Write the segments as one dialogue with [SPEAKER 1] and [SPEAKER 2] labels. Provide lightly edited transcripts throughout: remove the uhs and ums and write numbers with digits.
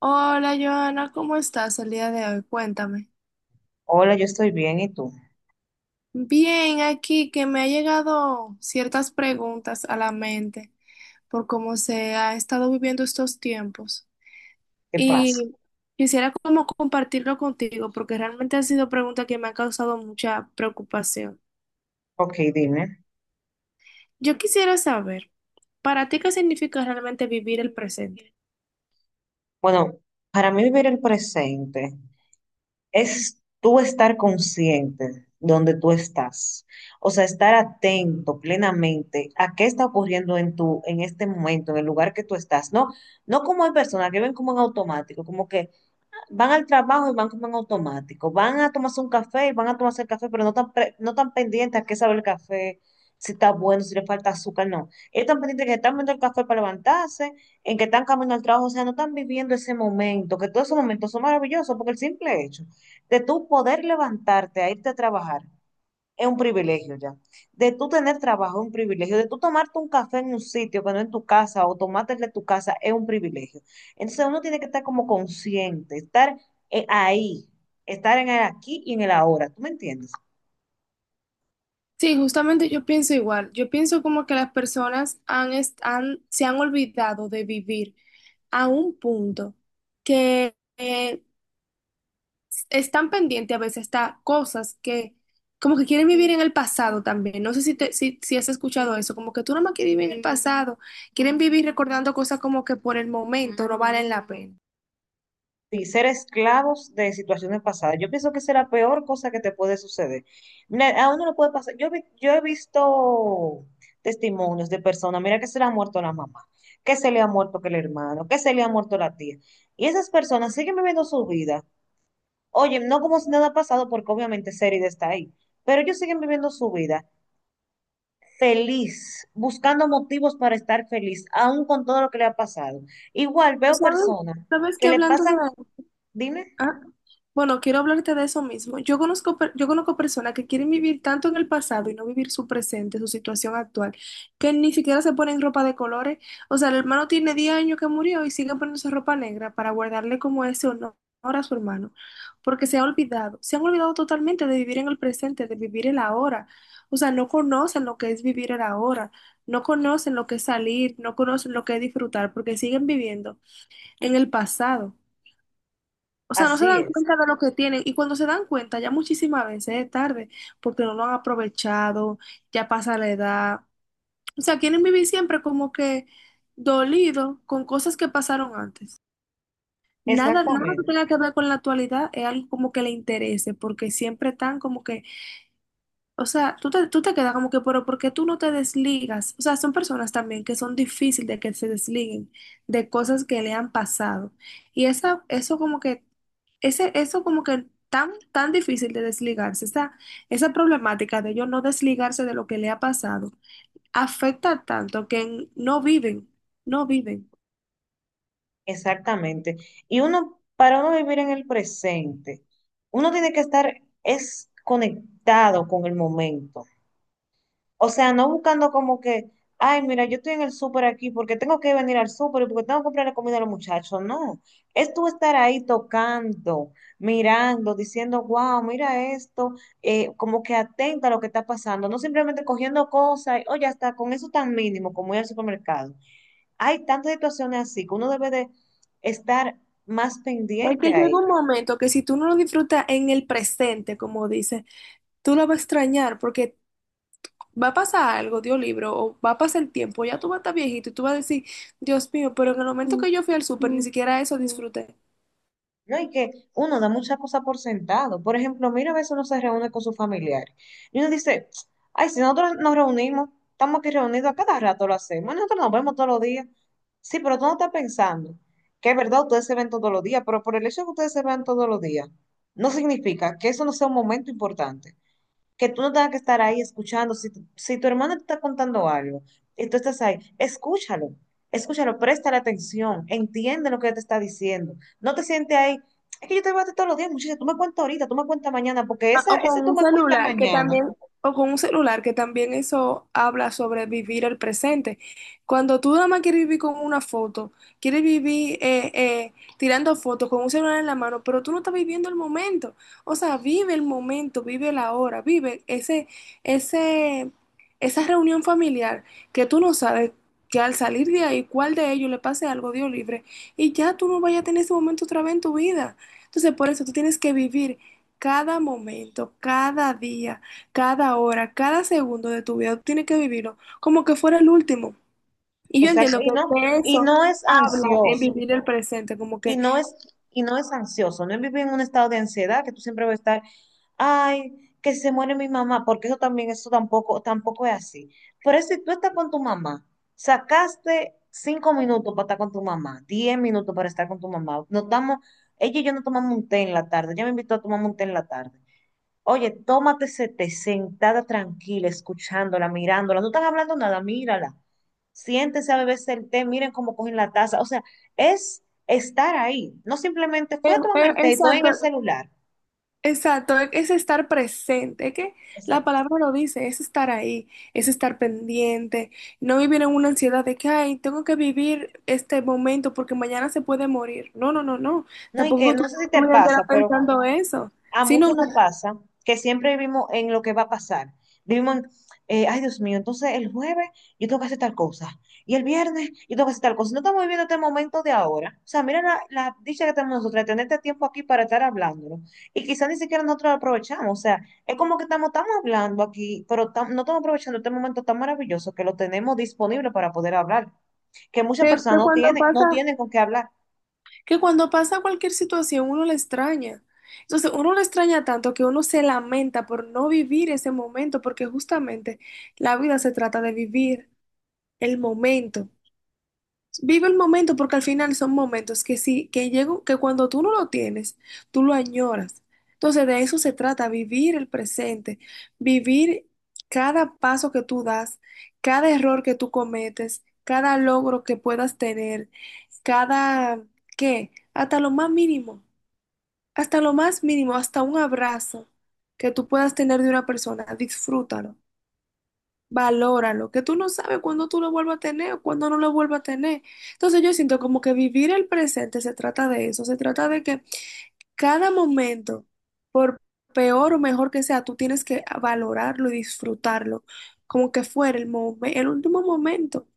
[SPEAKER 1] Hola Joana, ¿cómo estás el día de hoy? Cuéntame.
[SPEAKER 2] Hola, yo estoy bien, ¿y tú?
[SPEAKER 1] Bien, aquí que me ha llegado ciertas preguntas a la mente por cómo se ha estado viviendo estos tiempos.
[SPEAKER 2] ¿Qué pasa?
[SPEAKER 1] Y Quisiera como compartirlo contigo porque realmente han sido preguntas que me han causado mucha preocupación.
[SPEAKER 2] Ok, dime.
[SPEAKER 1] Yo quisiera saber, ¿para ti qué significa realmente vivir el presente?
[SPEAKER 2] Bueno, para mí vivir el presente es tú estar consciente donde tú estás. O sea, estar atento plenamente a qué está ocurriendo en tu, en este momento, en el lugar que tú estás. No, no como hay personas que ven como en automático, como que van al trabajo y van como en automático. Van a tomarse un café y van a tomarse el café, pero no tan, no tan pendientes a qué sabe el café, si está bueno, si le falta azúcar, no. Ellos están pendientes que están viendo el café para levantarse, en que están caminando al trabajo, o sea, no están viviendo ese momento, que todos esos momentos son maravillosos, porque el simple hecho de tú poder levantarte a irte a trabajar es un privilegio ya. De tú tener trabajo es un privilegio. De tú tomarte un café en un sitio que no en tu casa o tomarte el de tu casa es un privilegio. Entonces uno tiene que estar como consciente, estar ahí, estar en el aquí y en el ahora. ¿Tú me entiendes?
[SPEAKER 1] Sí, justamente yo pienso igual. Yo pienso como que las personas se han olvidado de vivir a un punto que están pendientes a veces hasta cosas que como que quieren vivir en el pasado también. No sé si has escuchado eso, como que tú nomás quieres vivir en el pasado, quieren vivir recordando cosas como que por el momento no valen la pena.
[SPEAKER 2] Y ser esclavos de situaciones pasadas. Yo pienso que esa es la peor cosa que te puede suceder. Mira, a uno le puede pasar. Yo he visto testimonios de personas, mira que se le ha muerto la mamá, que se le ha muerto que el hermano, que se le ha muerto la tía. Y esas personas siguen viviendo su vida. Oye, no como si nada ha pasado, porque obviamente Serida está ahí, pero ellos siguen viviendo su vida feliz, buscando motivos para estar feliz, aún con todo lo que le ha pasado. Igual veo
[SPEAKER 1] ¿Sabes?
[SPEAKER 2] personas
[SPEAKER 1] ¿Sabes que
[SPEAKER 2] que le
[SPEAKER 1] hablando de
[SPEAKER 2] pasan, dime,
[SPEAKER 1] Ah, Bueno, quiero hablarte de eso mismo. Yo conozco personas que quieren vivir tanto en el pasado y no vivir su presente, su situación actual, que ni siquiera se ponen ropa de colores. O sea, el hermano tiene 10 años que murió y sigue poniéndose ropa negra para guardarle como ese honor a su hermano, porque se han olvidado totalmente de vivir en el presente, de vivir el ahora. O sea, no conocen lo que es vivir el ahora, no conocen lo que es salir, no conocen lo que es disfrutar, porque siguen viviendo en el pasado. O sea, no se
[SPEAKER 2] así
[SPEAKER 1] dan
[SPEAKER 2] es.
[SPEAKER 1] cuenta de lo que tienen y cuando se dan cuenta ya muchísimas veces es tarde porque no lo han aprovechado, ya pasa la edad. O sea, quieren vivir siempre como que dolido con cosas que pasaron antes. Nada que
[SPEAKER 2] Exactamente,
[SPEAKER 1] tenga que ver con la actualidad es algo como que le interese porque siempre están como que o sea, tú te quedas como que, pero ¿por qué tú no te desligas? O sea, son personas también que son difíciles de que se desliguen de cosas que le han pasado. Y esa, eso como que, ese, Eso como que tan difícil de desligarse, esa problemática de ellos no desligarse de lo que le ha pasado, afecta tanto que no viven, no viven.
[SPEAKER 2] exactamente. Y uno, para uno vivir en el presente, uno tiene que estar es conectado con el momento. O sea, no buscando como que, ay, mira, yo estoy en el súper aquí porque tengo que venir al súper y porque tengo que comprar la comida a los muchachos. No, es tú estar ahí tocando, mirando, diciendo, wow, mira esto, como que atenta a lo que está pasando, no simplemente cogiendo cosas, y, oh, ya está, con eso tan mínimo como ir al supermercado. Hay tantas situaciones así que uno debe de estar más
[SPEAKER 1] Es que
[SPEAKER 2] pendiente a
[SPEAKER 1] llega un
[SPEAKER 2] ellas,
[SPEAKER 1] momento que si tú no lo disfrutas en el presente, como dice, tú lo vas a extrañar porque va a pasar algo, Dios libro, o va a pasar el tiempo, ya tú vas a estar viejito y tú vas a decir, Dios mío, pero en el momento que yo fui al súper ni siquiera eso disfruté.
[SPEAKER 2] ¿no? Y que uno da muchas cosas por sentado. Por ejemplo, mira, a veces uno se reúne con sus familiares y uno dice, ay, si nosotros nos reunimos, estamos aquí reunidos, a cada rato lo hacemos, nosotros nos vemos todos los días. Sí, pero tú no estás pensando que es verdad, ustedes se ven todos los días, pero por el hecho de que ustedes se vean todos los días, no significa que eso no sea un momento importante. Que tú no tengas que estar ahí escuchando. Si tu hermano te está contando algo y tú estás ahí, escúchalo, escúchalo, préstale atención, entiende lo que te está diciendo. No te sientes ahí, es que yo te voy a decir todos los días, muchacha, tú me cuentas ahorita, tú me cuentas mañana, porque
[SPEAKER 1] Ah,
[SPEAKER 2] esa,
[SPEAKER 1] o
[SPEAKER 2] ese
[SPEAKER 1] con
[SPEAKER 2] tú
[SPEAKER 1] un
[SPEAKER 2] me cuentas
[SPEAKER 1] celular que
[SPEAKER 2] mañana,
[SPEAKER 1] también, o con un celular que también eso habla sobre vivir el presente. Cuando tú nada más quieres vivir con una foto, quieres vivir tirando fotos con un celular en la mano, pero tú no estás viviendo el momento. O sea, vive el momento, vive la hora, ese, esa reunión familiar que tú no sabes que al salir de ahí, cuál de ellos le pase algo, Dios libre, y ya tú no vayas a tener ese momento otra vez en tu vida. Entonces, por eso tú tienes que vivir. Cada momento, cada día, cada hora, cada segundo de tu vida, tú tienes que vivirlo como que fuera el último. Y yo
[SPEAKER 2] exacto,
[SPEAKER 1] entiendo que de
[SPEAKER 2] y
[SPEAKER 1] eso
[SPEAKER 2] no es
[SPEAKER 1] habla en
[SPEAKER 2] ansioso.
[SPEAKER 1] vivir el presente, como
[SPEAKER 2] Y
[SPEAKER 1] que,
[SPEAKER 2] no es, y no es ansioso, no es vivir en un estado de ansiedad que tú siempre vas a estar, ay, que se muere mi mamá, porque eso también, eso tampoco, tampoco es así. Pero si tú estás con tu mamá, sacaste 5 minutos para estar con tu mamá, 10 minutos para estar con tu mamá, nos damos, ella y yo nos tomamos un té en la tarde, ella me invitó a tomar un té en la tarde. Oye, tómate ese té sentada tranquila, escuchándola, mirándola. No están hablando nada, mírala. Siéntese a beberse el té, miren cómo cogen la taza. O sea, es estar ahí. No simplemente
[SPEAKER 1] eh,
[SPEAKER 2] fue a tomarme
[SPEAKER 1] eh,
[SPEAKER 2] el té y estoy en
[SPEAKER 1] exacto,
[SPEAKER 2] el celular.
[SPEAKER 1] exacto, es estar presente, es que la
[SPEAKER 2] Exacto.
[SPEAKER 1] palabra lo dice, es estar ahí, es estar pendiente, no vivir en una ansiedad de que, ay, tengo que vivir este momento porque mañana se puede morir. No,
[SPEAKER 2] No, y que
[SPEAKER 1] tampoco tú
[SPEAKER 2] no sé si
[SPEAKER 1] tu
[SPEAKER 2] te
[SPEAKER 1] vida entera
[SPEAKER 2] pasa, pero
[SPEAKER 1] pensando eso,
[SPEAKER 2] a
[SPEAKER 1] sino
[SPEAKER 2] muchos nos pasa que siempre vivimos en lo que va a pasar. Vivimos en, Ay Dios mío, entonces el jueves yo tengo que hacer tal cosa y el viernes yo tengo que hacer tal cosa. Si no estamos viviendo este momento de ahora. O sea, mira la dicha que tenemos nosotros de tener este tiempo aquí para estar hablándolo. Y quizás ni siquiera nosotros lo aprovechamos. O sea, es como que estamos, estamos hablando aquí, pero no estamos aprovechando este momento tan maravilloso que lo tenemos disponible para poder hablar, que muchas personas
[SPEAKER 1] que
[SPEAKER 2] no
[SPEAKER 1] cuando
[SPEAKER 2] tienen, no tienen con qué hablar.
[SPEAKER 1] que cuando pasa cualquier situación uno la extraña. Entonces uno la extraña tanto que uno se lamenta por no vivir ese momento, porque justamente la vida se trata de vivir el momento. Vive el momento porque al final son momentos que sí, que llegan, que cuando tú no lo tienes, tú lo añoras. Entonces de eso se trata, vivir el presente, vivir cada paso que tú das, cada error que tú cometes, cada logro que puedas tener, cada, ¿qué? hasta lo más mínimo, hasta lo más mínimo, hasta un abrazo que tú puedas tener de una persona, disfrútalo. Valóralo, que tú no sabes cuándo tú lo vuelvas a tener o cuándo no lo vuelvas a tener. Entonces yo siento como que vivir el presente se trata de eso, se trata de que cada momento, por peor o mejor que sea, tú tienes que valorarlo y disfrutarlo, como que fuera el el último momento.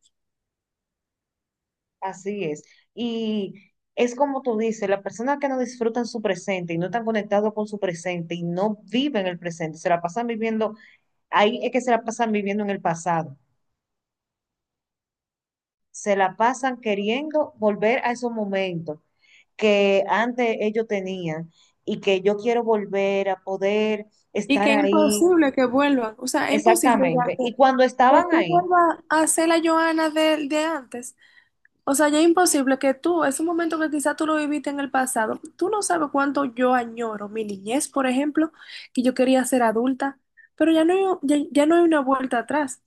[SPEAKER 2] Así es. Y es como tú dices, las personas que no disfrutan su presente y no están conectados con su presente y no viven el presente, se la pasan viviendo, ahí es que se la pasan viviendo en el pasado. Se la pasan queriendo volver a esos momentos que antes ellos tenían y que yo quiero volver a poder
[SPEAKER 1] Y
[SPEAKER 2] estar
[SPEAKER 1] que es
[SPEAKER 2] ahí.
[SPEAKER 1] imposible que vuelvan, o sea, es imposible ya
[SPEAKER 2] Exactamente. Y cuando
[SPEAKER 1] que
[SPEAKER 2] estaban
[SPEAKER 1] tú
[SPEAKER 2] ahí,
[SPEAKER 1] vuelvas a ser la Joana de antes. O sea, ya es imposible que tú, es un momento que quizás tú lo viviste en el pasado. Tú no sabes cuánto yo añoro mi niñez, por ejemplo, que yo quería ser adulta, pero ya no hay, ya no hay una vuelta atrás.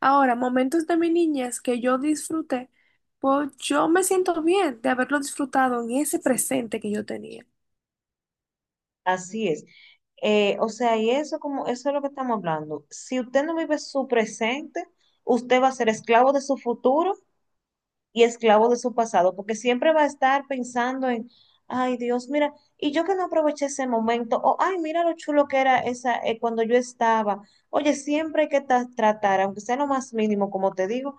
[SPEAKER 1] Ahora, momentos de mi niñez que yo disfruté, pues yo me siento bien de haberlo disfrutado en ese presente que yo tenía.
[SPEAKER 2] así es. O sea, y eso como eso es lo que estamos hablando. Si usted no vive su presente, usted va a ser esclavo de su futuro y esclavo de su pasado, porque siempre va a estar pensando en, ay Dios, mira, y yo que no aproveché ese momento, o ay, mira lo chulo que era esa cuando yo estaba. Oye, siempre hay que tratar, aunque sea lo más mínimo, como te digo,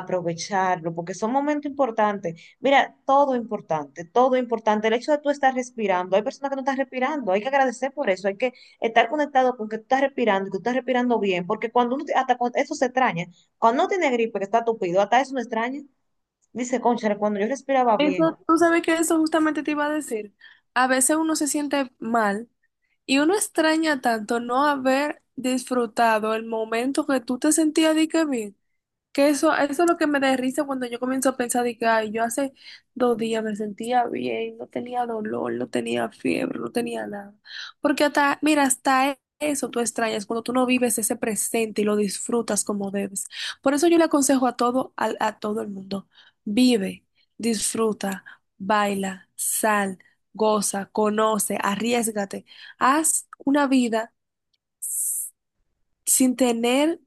[SPEAKER 2] aprovecharlo, porque son momentos importantes. Mira, todo importante, todo importante. El hecho de tú estar respirando, hay personas que no están respirando, hay que agradecer por eso, hay que estar conectado con que tú estás respirando, y que tú estás respirando bien, porque cuando uno, eso se extraña, cuando uno tiene gripe, que está tupido, hasta eso no extraña. Dice, cónchale, cuando yo respiraba bien,
[SPEAKER 1] Eso, tú sabes que eso justamente te iba a decir. A veces uno se siente mal y uno extraña tanto no haber disfrutado el momento que tú te sentías de que bien. Que eso es lo que me da risa cuando yo comienzo a pensar de que ay, yo hace 2 días me sentía bien, no tenía dolor, no tenía fiebre, no tenía nada. Porque hasta, mira, hasta eso tú extrañas cuando tú no vives ese presente y lo disfrutas como debes. Por eso yo le aconsejo a todo el mundo, vive, disfruta, baila, sal, goza, conoce, arriésgate, haz una vida sin tener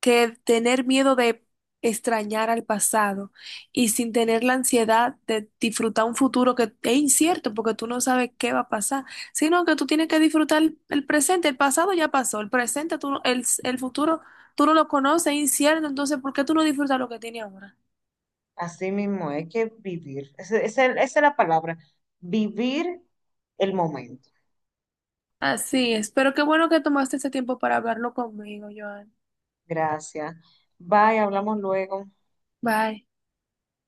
[SPEAKER 1] que tener miedo de extrañar al pasado y sin tener la ansiedad de disfrutar un futuro que es incierto porque tú no sabes qué va a pasar, sino que tú tienes que disfrutar el presente, el pasado ya pasó, el futuro, tú no lo conoces, es incierto, entonces ¿por qué tú no disfrutas lo que tienes ahora?
[SPEAKER 2] así mismo hay que vivir. Esa es la palabra, vivir el momento.
[SPEAKER 1] Así es, pero qué bueno que tomaste ese tiempo para hablarlo conmigo, Joan.
[SPEAKER 2] Gracias. Bye, hablamos luego.
[SPEAKER 1] Bye.